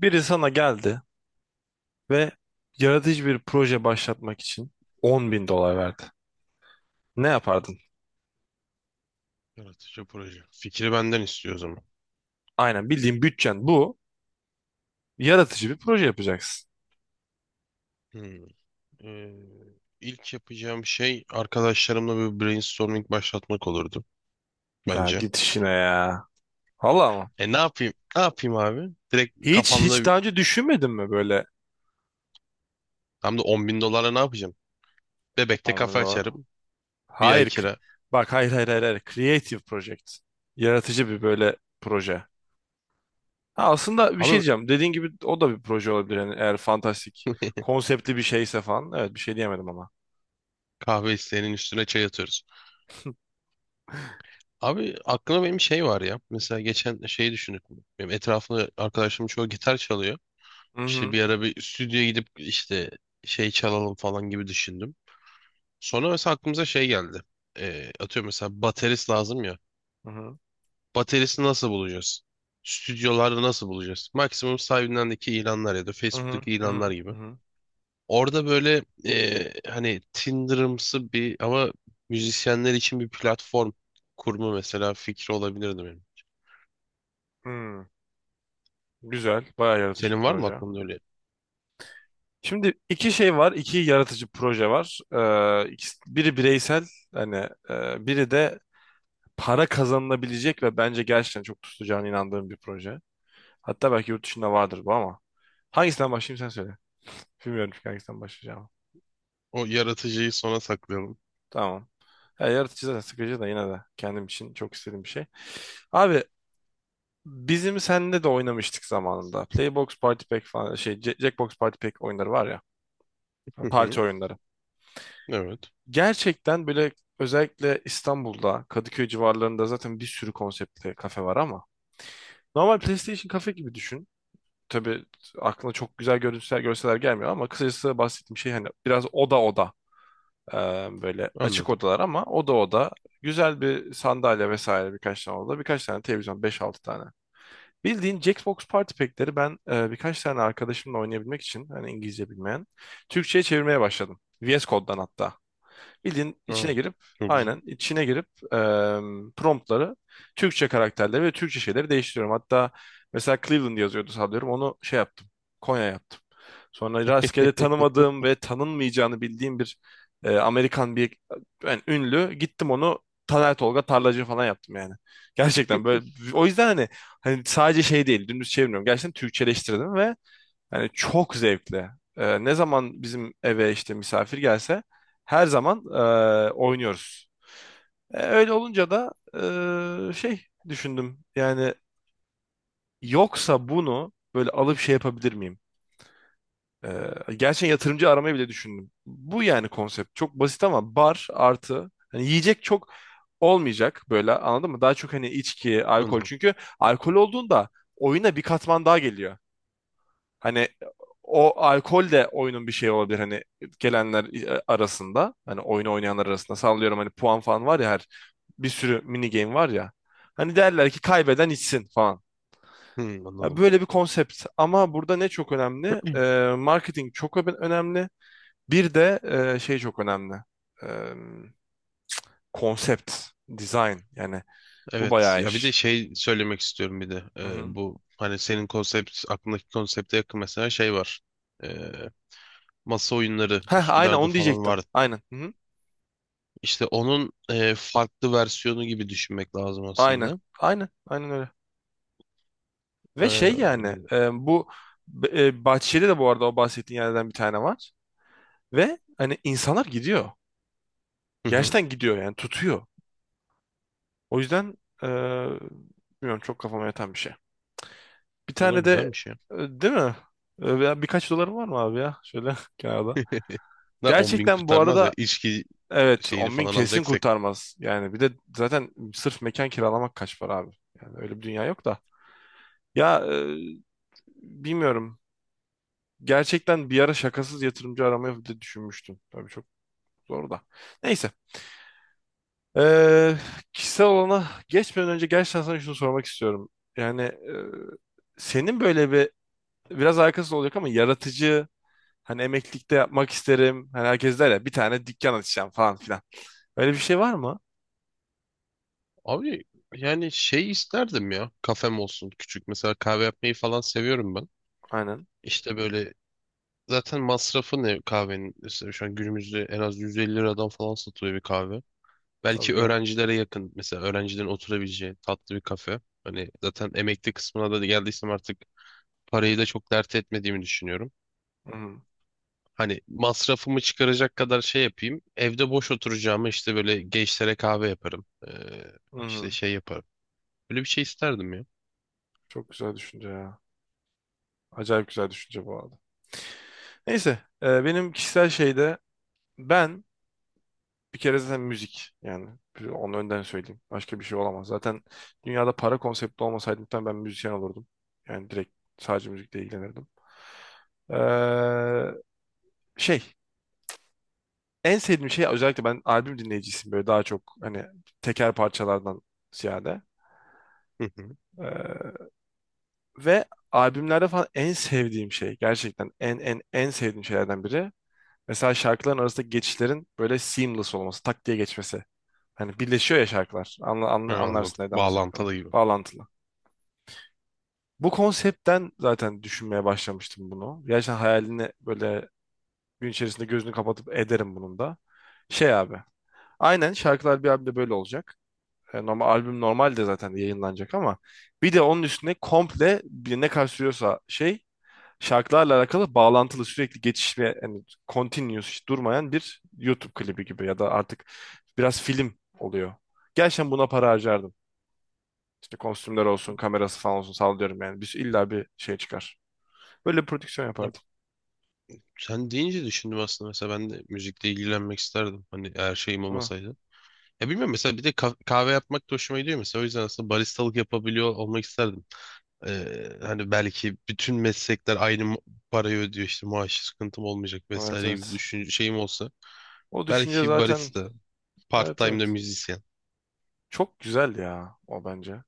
Biri sana geldi ve yaratıcı bir proje başlatmak için 10.000 dolar verdi. Ne yapardın? Yaratıcı proje. Fikri benden istiyor o zaman. Aynen, bildiğin bütçen bu. Yaratıcı bir proje yapacaksın. Hmm. Ee, ilk yapacağım şey arkadaşlarımla bir brainstorming başlatmak olurdu Ya bence. git işine ya. Valla mı? E ne yapayım? Ne yapayım abi? Direkt Hiç kafamda hiç daha önce düşünmedin mi böyle hem de 10 bin dolarla ne yapacağım? Bebekte on bin kafe dolar? açarım. Bir ay Hayır. Kira. Bak, hayır, hayır, hayır. Hayır. Creative project. Yaratıcı bir böyle proje. Ha, aslında bir şey Abi diyeceğim. Dediğin gibi o da bir proje olabilir. Yani eğer fantastik konseptli bir şeyse falan. Evet, bir şey diyemedim ama. kahve isteğinin üstüne çay atıyoruz. Abi aklıma benim şey var ya. Mesela geçen şeyi düşündük. Benim etrafımda arkadaşlarım çoğu gitar çalıyor. Hı İşte hı. bir ara bir stüdyoya gidip işte şey çalalım falan gibi düşündüm. Sonra mesela aklımıza şey geldi. Atıyorum mesela baterist lazım ya. Hı hı. Bateristi nasıl bulacağız? Stüdyolarda nasıl bulacağız? Maksimum sahibindendeki ilanlar ya da Hı hı. Facebook'taki Hı ilanlar hı. gibi. Hı hı. Orada böyle hani Tinder'ımsı bir ama müzisyenler için bir platform kurma mesela fikri olabilirdi benim. Hmm, güzel. Bayağı yaratıcı bir Senin var mı proje. aklında öyle? Şimdi iki şey var. İki yaratıcı proje var. Biri bireysel, hani, biri de para kazanılabilecek ve bence gerçekten çok tutacağına inandığım bir proje. Hatta belki yurt dışında vardır bu ama. Hangisinden başlayayım, sen söyle. Bilmiyorum çünkü hangisinden başlayacağım. O yaratıcıyı sona saklayalım. Tamam. Ya, yaratıcı da sıkıcı da yine de kendim için çok istediğim bir şey. Abi, bizim seninle de oynamıştık zamanında. Playbox Party Pack falan, şey, Jackbox Party Pack oyunları var ya. Hı Parti hı. oyunları. Evet. Gerçekten böyle, özellikle İstanbul'da, Kadıköy civarlarında zaten bir sürü konseptli kafe var ama normal PlayStation kafe gibi düşün. Tabii aklına çok güzel görüntüler, görseler gelmiyor ama kısacası bahsettiğim şey hani biraz oda oda, e, böyle açık Anladım. odalar ama oda oda güzel bir sandalye vesaire, birkaç tane oda, birkaç tane televizyon, beş altı tane. Bildiğin Jackbox Party Pack'leri ben, birkaç tane arkadaşımla oynayabilmek için, hani İngilizce bilmeyen, Türkçe'ye çevirmeye başladım. VS Code'dan hatta. Bildiğin Aa, içine girip, çok güzel. aynen içine girip, promptları, Türkçe karakterleri ve Türkçe şeyleri değiştiriyorum. Hatta mesela Cleveland yazıyordu sanıyorum, onu şey yaptım, Konya yaptım. Sonra rastgele tanımadığım ve tanınmayacağını bildiğim bir, Amerikan bir, yani ünlü gittim, onu Taner Tolga Tarlacı falan yaptım yani. Gerçekten böyle, o yüzden hani sadece şey değil, dümdüz çevirmiyorum. Gerçekten Türkçeleştirdim ve yani çok zevkli. Ne zaman bizim eve işte misafir gelse her zaman oynuyoruz. Öyle olunca da şey düşündüm. Yani yoksa bunu böyle alıp şey yapabilir miyim? Gerçekten yatırımcı aramayı bile düşündüm. Bu yani konsept. Çok basit ama bar artı hani yiyecek çok olmayacak, böyle, anladın mı? Daha çok hani içki, alkol. Anladım. Çünkü alkol olduğunda oyuna bir katman daha geliyor. Hani o alkol de oyunun bir şeyi olabilir, hani gelenler, arasında, hani oyunu oynayanlar arasında, sallıyorum, hani puan falan var ya, her, bir sürü mini game var ya. Hani derler ki kaybeden içsin falan. Hı, Ya, anladım. böyle bir konsept ama burada ne çok önemli? Marketing çok önemli. Bir de şey çok önemli. Ee, Konsept, design, yani bu Evet. bayağı Ya bir de iş. şey söylemek istiyorum bir de. Hı hı. Bu hani senin konsept aklındaki konsepte yakın mesela şey var. Ee, Masa oyunları Heh, aynen Üsküdar'da onu falan diyecektim. var. Aynen. Hı hı. İşte onun e, farklı versiyonu gibi düşünmek lazım Aynen. aslında. Aynen. Aynen öyle. Ee, Ve şey, hı yani, bu Bahçeli'de de bu arada o bahsettiğin yerden bir tane var. Ve hani insanlar gidiyor. hı. Gerçekten gidiyor yani, tutuyor. O yüzden e, bilmiyorum, çok kafama yatan bir şey. Bir Buna tane de güzelmiş ya. Değil mi? Ya, birkaç dolarım var mı abi ya? Şöyle kenarda. Ne 10 bin Gerçekten bu kurtarmaz ya. arada İçki evet, şeyini 10.000 falan kesin alacaksak. kurtarmaz. Yani bir de zaten sırf mekan kiralamak kaç para abi? Yani öyle bir dünya yok da. Ya, bilmiyorum. Gerçekten bir ara şakasız yatırımcı aramayı da düşünmüştüm. Tabii çok zor da. Neyse. Ee, Kişisel alana geçmeden önce gerçekten sana şunu sormak istiyorum. Yani, senin böyle bir, biraz alakasız olacak ama, yaratıcı, hani emeklilikte yapmak isterim. Hani herkes der ya, bir tane dükkan açacağım falan filan. Öyle bir şey var mı? Abi yani şey isterdim ya. Kafem olsun küçük. Mesela kahve yapmayı falan seviyorum ben. Aynen. İşte böyle zaten masrafı ne kahvenin? Mesela şu an günümüzde en az 150 liradan falan satılıyor bir kahve. Tabii Belki canım. öğrencilere yakın. Mesela öğrencilerin oturabileceği tatlı bir kafe. Hani zaten emekli kısmına da geldiysem artık parayı da çok dert etmediğimi düşünüyorum. Hı hı. Hani masrafımı çıkaracak kadar şey yapayım. Evde boş oturacağımı işte böyle gençlere kahve yaparım. Hı İşte hı. şey yaparım. Böyle bir şey isterdim ya. Çok güzel düşünce ya. Acayip güzel düşünce bu arada. Neyse, benim kişisel şeyde, ben bir kere zaten müzik, yani, onu önden söyleyeyim. Başka bir şey olamaz. Zaten dünyada para konsepti olmasaydı muhtemelen ben müzisyen olurdum. Yani direkt sadece müzikle ilgilenirdim. Eee, Şey, en sevdiğim şey, özellikle ben albüm dinleyicisiyim, böyle daha çok, hani teker parçalardan ziyade. Hı hı. Eee, Ve albümlerde falan en sevdiğim şey, gerçekten en en en sevdiğim şeylerden biri, mesela şarkıların arasındaki geçişlerin böyle seamless olması, tak diye geçmesi. Hani birleşiyor ya şarkılar. Ha, Anlarsın anladım. neden bahsettiğimi. Bağlantılı gibi. Bağlantılı. Bu konseptten zaten düşünmeye başlamıştım bunu. Gerçekten hayalini böyle gün içerisinde gözünü kapatıp ederim bunun da. Şey abi. Aynen, şarkılar bir albümde böyle olacak. Normal albüm normalde zaten yayınlanacak ama bir de onun üstüne komple bir, ne kadar sürüyorsa, şey, şarkılarla alakalı bağlantılı sürekli geçiş ve hani continuous, hiç durmayan bir YouTube klibi gibi, ya da artık biraz film oluyor. Gerçekten buna para harcardım. İşte kostümler olsun, kamerası falan olsun, sallıyorum yani. Biz illa bir şey çıkar. Böyle bir prodüksiyon yapardım. Sen deyince düşündüm aslında mesela ben de müzikle ilgilenmek isterdim. Hani eğer şeyim Değil mi? olmasaydı. Ya bilmiyorum mesela bir de kahve yapmak da hoşuma gidiyor mesela. O yüzden aslında baristalık yapabiliyor olmak isterdim. Hani belki bütün meslekler aynı mu- parayı ödüyor işte maaş sıkıntım olmayacak Evet, vesaire gibi evet. düşün şeyim olsa. O düşünce Belki zaten. barista, part Evet, time de evet. müzisyen. Çok güzel ya o, bence.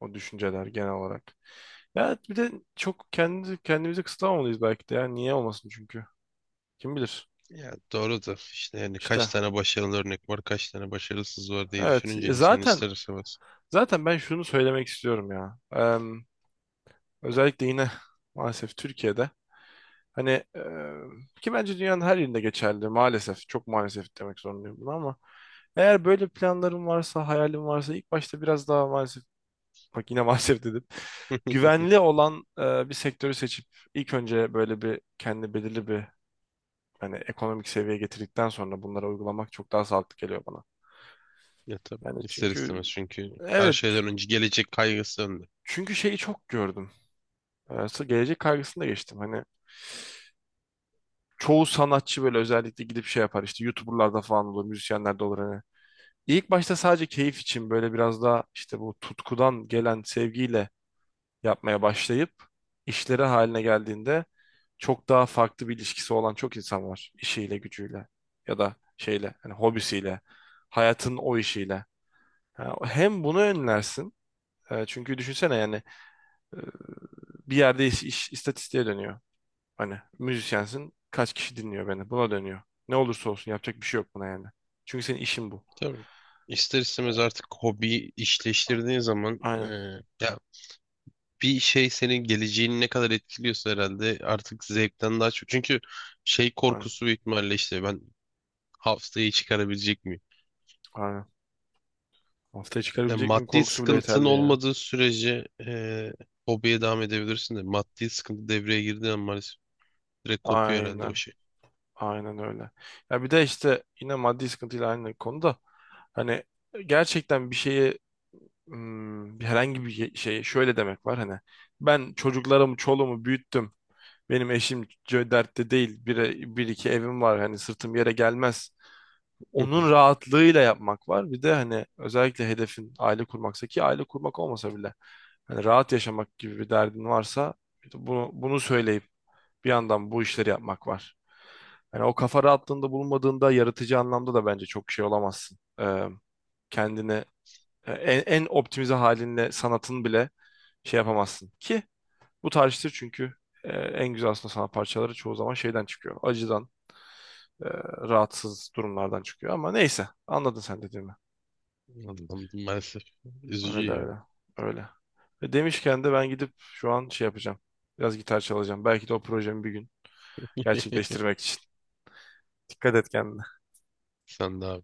O düşünceler genel olarak. Ya bir de çok kendi kendimizi kısıtlamamalıyız belki de ya. Niye olmasın çünkü. Kim bilir. Ya doğru da işte yani kaç İşte tane başarılı örnek var, kaç tane başarısız var diye evet. düşününce insan Zaten ister istemez. Zaten ben şunu söylemek istiyorum ya. Özellikle yine maalesef Türkiye'de, hani, ki bence dünyanın her yerinde geçerli maalesef. Çok maalesef demek zorundayım bunu ama eğer böyle planların varsa, hayalin varsa, ilk başta biraz daha, maalesef, bak yine maalesef dedim. Hı. Güvenli olan, bir sektörü seçip ilk önce böyle bir kendi belirli bir, hani ekonomik seviyeye getirdikten sonra bunları uygulamak çok daha sağlıklı geliyor bana. Ya tabii. Yani İster çünkü istemez çünkü her evet, şeyden önce gelecek kaygısı önde. çünkü şeyi çok gördüm. Gelecek kaygısını da geçtim. Hani çoğu sanatçı, böyle özellikle gidip şey yapar, işte YouTuber'larda falan olur, müzisyenlerde olur hani. İlk başta sadece keyif için, böyle biraz daha işte bu tutkudan gelen sevgiyle yapmaya başlayıp işleri haline geldiğinde çok daha farklı bir ilişkisi olan çok insan var. İşiyle, gücüyle, ya da şeyle, hani hobisiyle, hayatın o işiyle. Ha, hem bunu önlersin, çünkü düşünsene yani, e, bir yerde iş istatistiğe dönüyor. Hani müzisyensin. Kaç kişi dinliyor beni? Buna dönüyor. Ne olursa olsun yapacak bir şey yok buna yani. Çünkü senin işin bu. Tabii. İster istemez artık hobi işleştirdiğin zaman Aynen. ya bir şey senin geleceğini ne kadar etkiliyorsa herhalde artık zevkten daha çok. Çünkü şey Aynen. korkusu büyük ihtimalle işte ben haftayı çıkarabilecek miyim? Aynen. Haftaya Yani çıkarabilecek miyim maddi korkusu bile sıkıntın yeterli ya. olmadığı sürece hobiye devam edebilirsin de maddi sıkıntı devreye girdiği an maalesef direkt kopuyor herhalde o Aynen. şey. Aynen öyle. Ya bir de işte yine maddi sıkıntıyla aynı konuda, hani gerçekten bir şeye, bir herhangi bir şeye şöyle demek var: hani ben çocuklarımı, çoluğumu büyüttüm. Benim eşim dertte değil. Bir iki evim var. Hani sırtım yere gelmez. Onun rahatlığıyla yapmak var. Bir de hani özellikle hedefin aile kurmaksa, ki aile kurmak olmasa bile hani rahat yaşamak gibi bir derdin varsa, bunu söyleyip bir yandan bu işleri yapmak var. Hani o kafa rahatlığında bulunmadığında yaratıcı anlamda da bence çok şey olamazsın. Kendini en optimize halinle sanatın bile şey yapamazsın. Ki bu tarihtir çünkü, en güzel aslında sanat parçaları çoğu zaman şeyden çıkıyor. Acıdan, e, rahatsız durumlardan çıkıyor ama neyse, anladın sen dediğimi. Anladım. Maalesef Öyle üzücü ya. öyle öyle. Ve demişken de ben gidip şu an şey yapacağım. Biraz gitar çalacağım. Belki de o projemi bir gün gerçekleştirmek için. Dikkat et kendine. Sen de abi.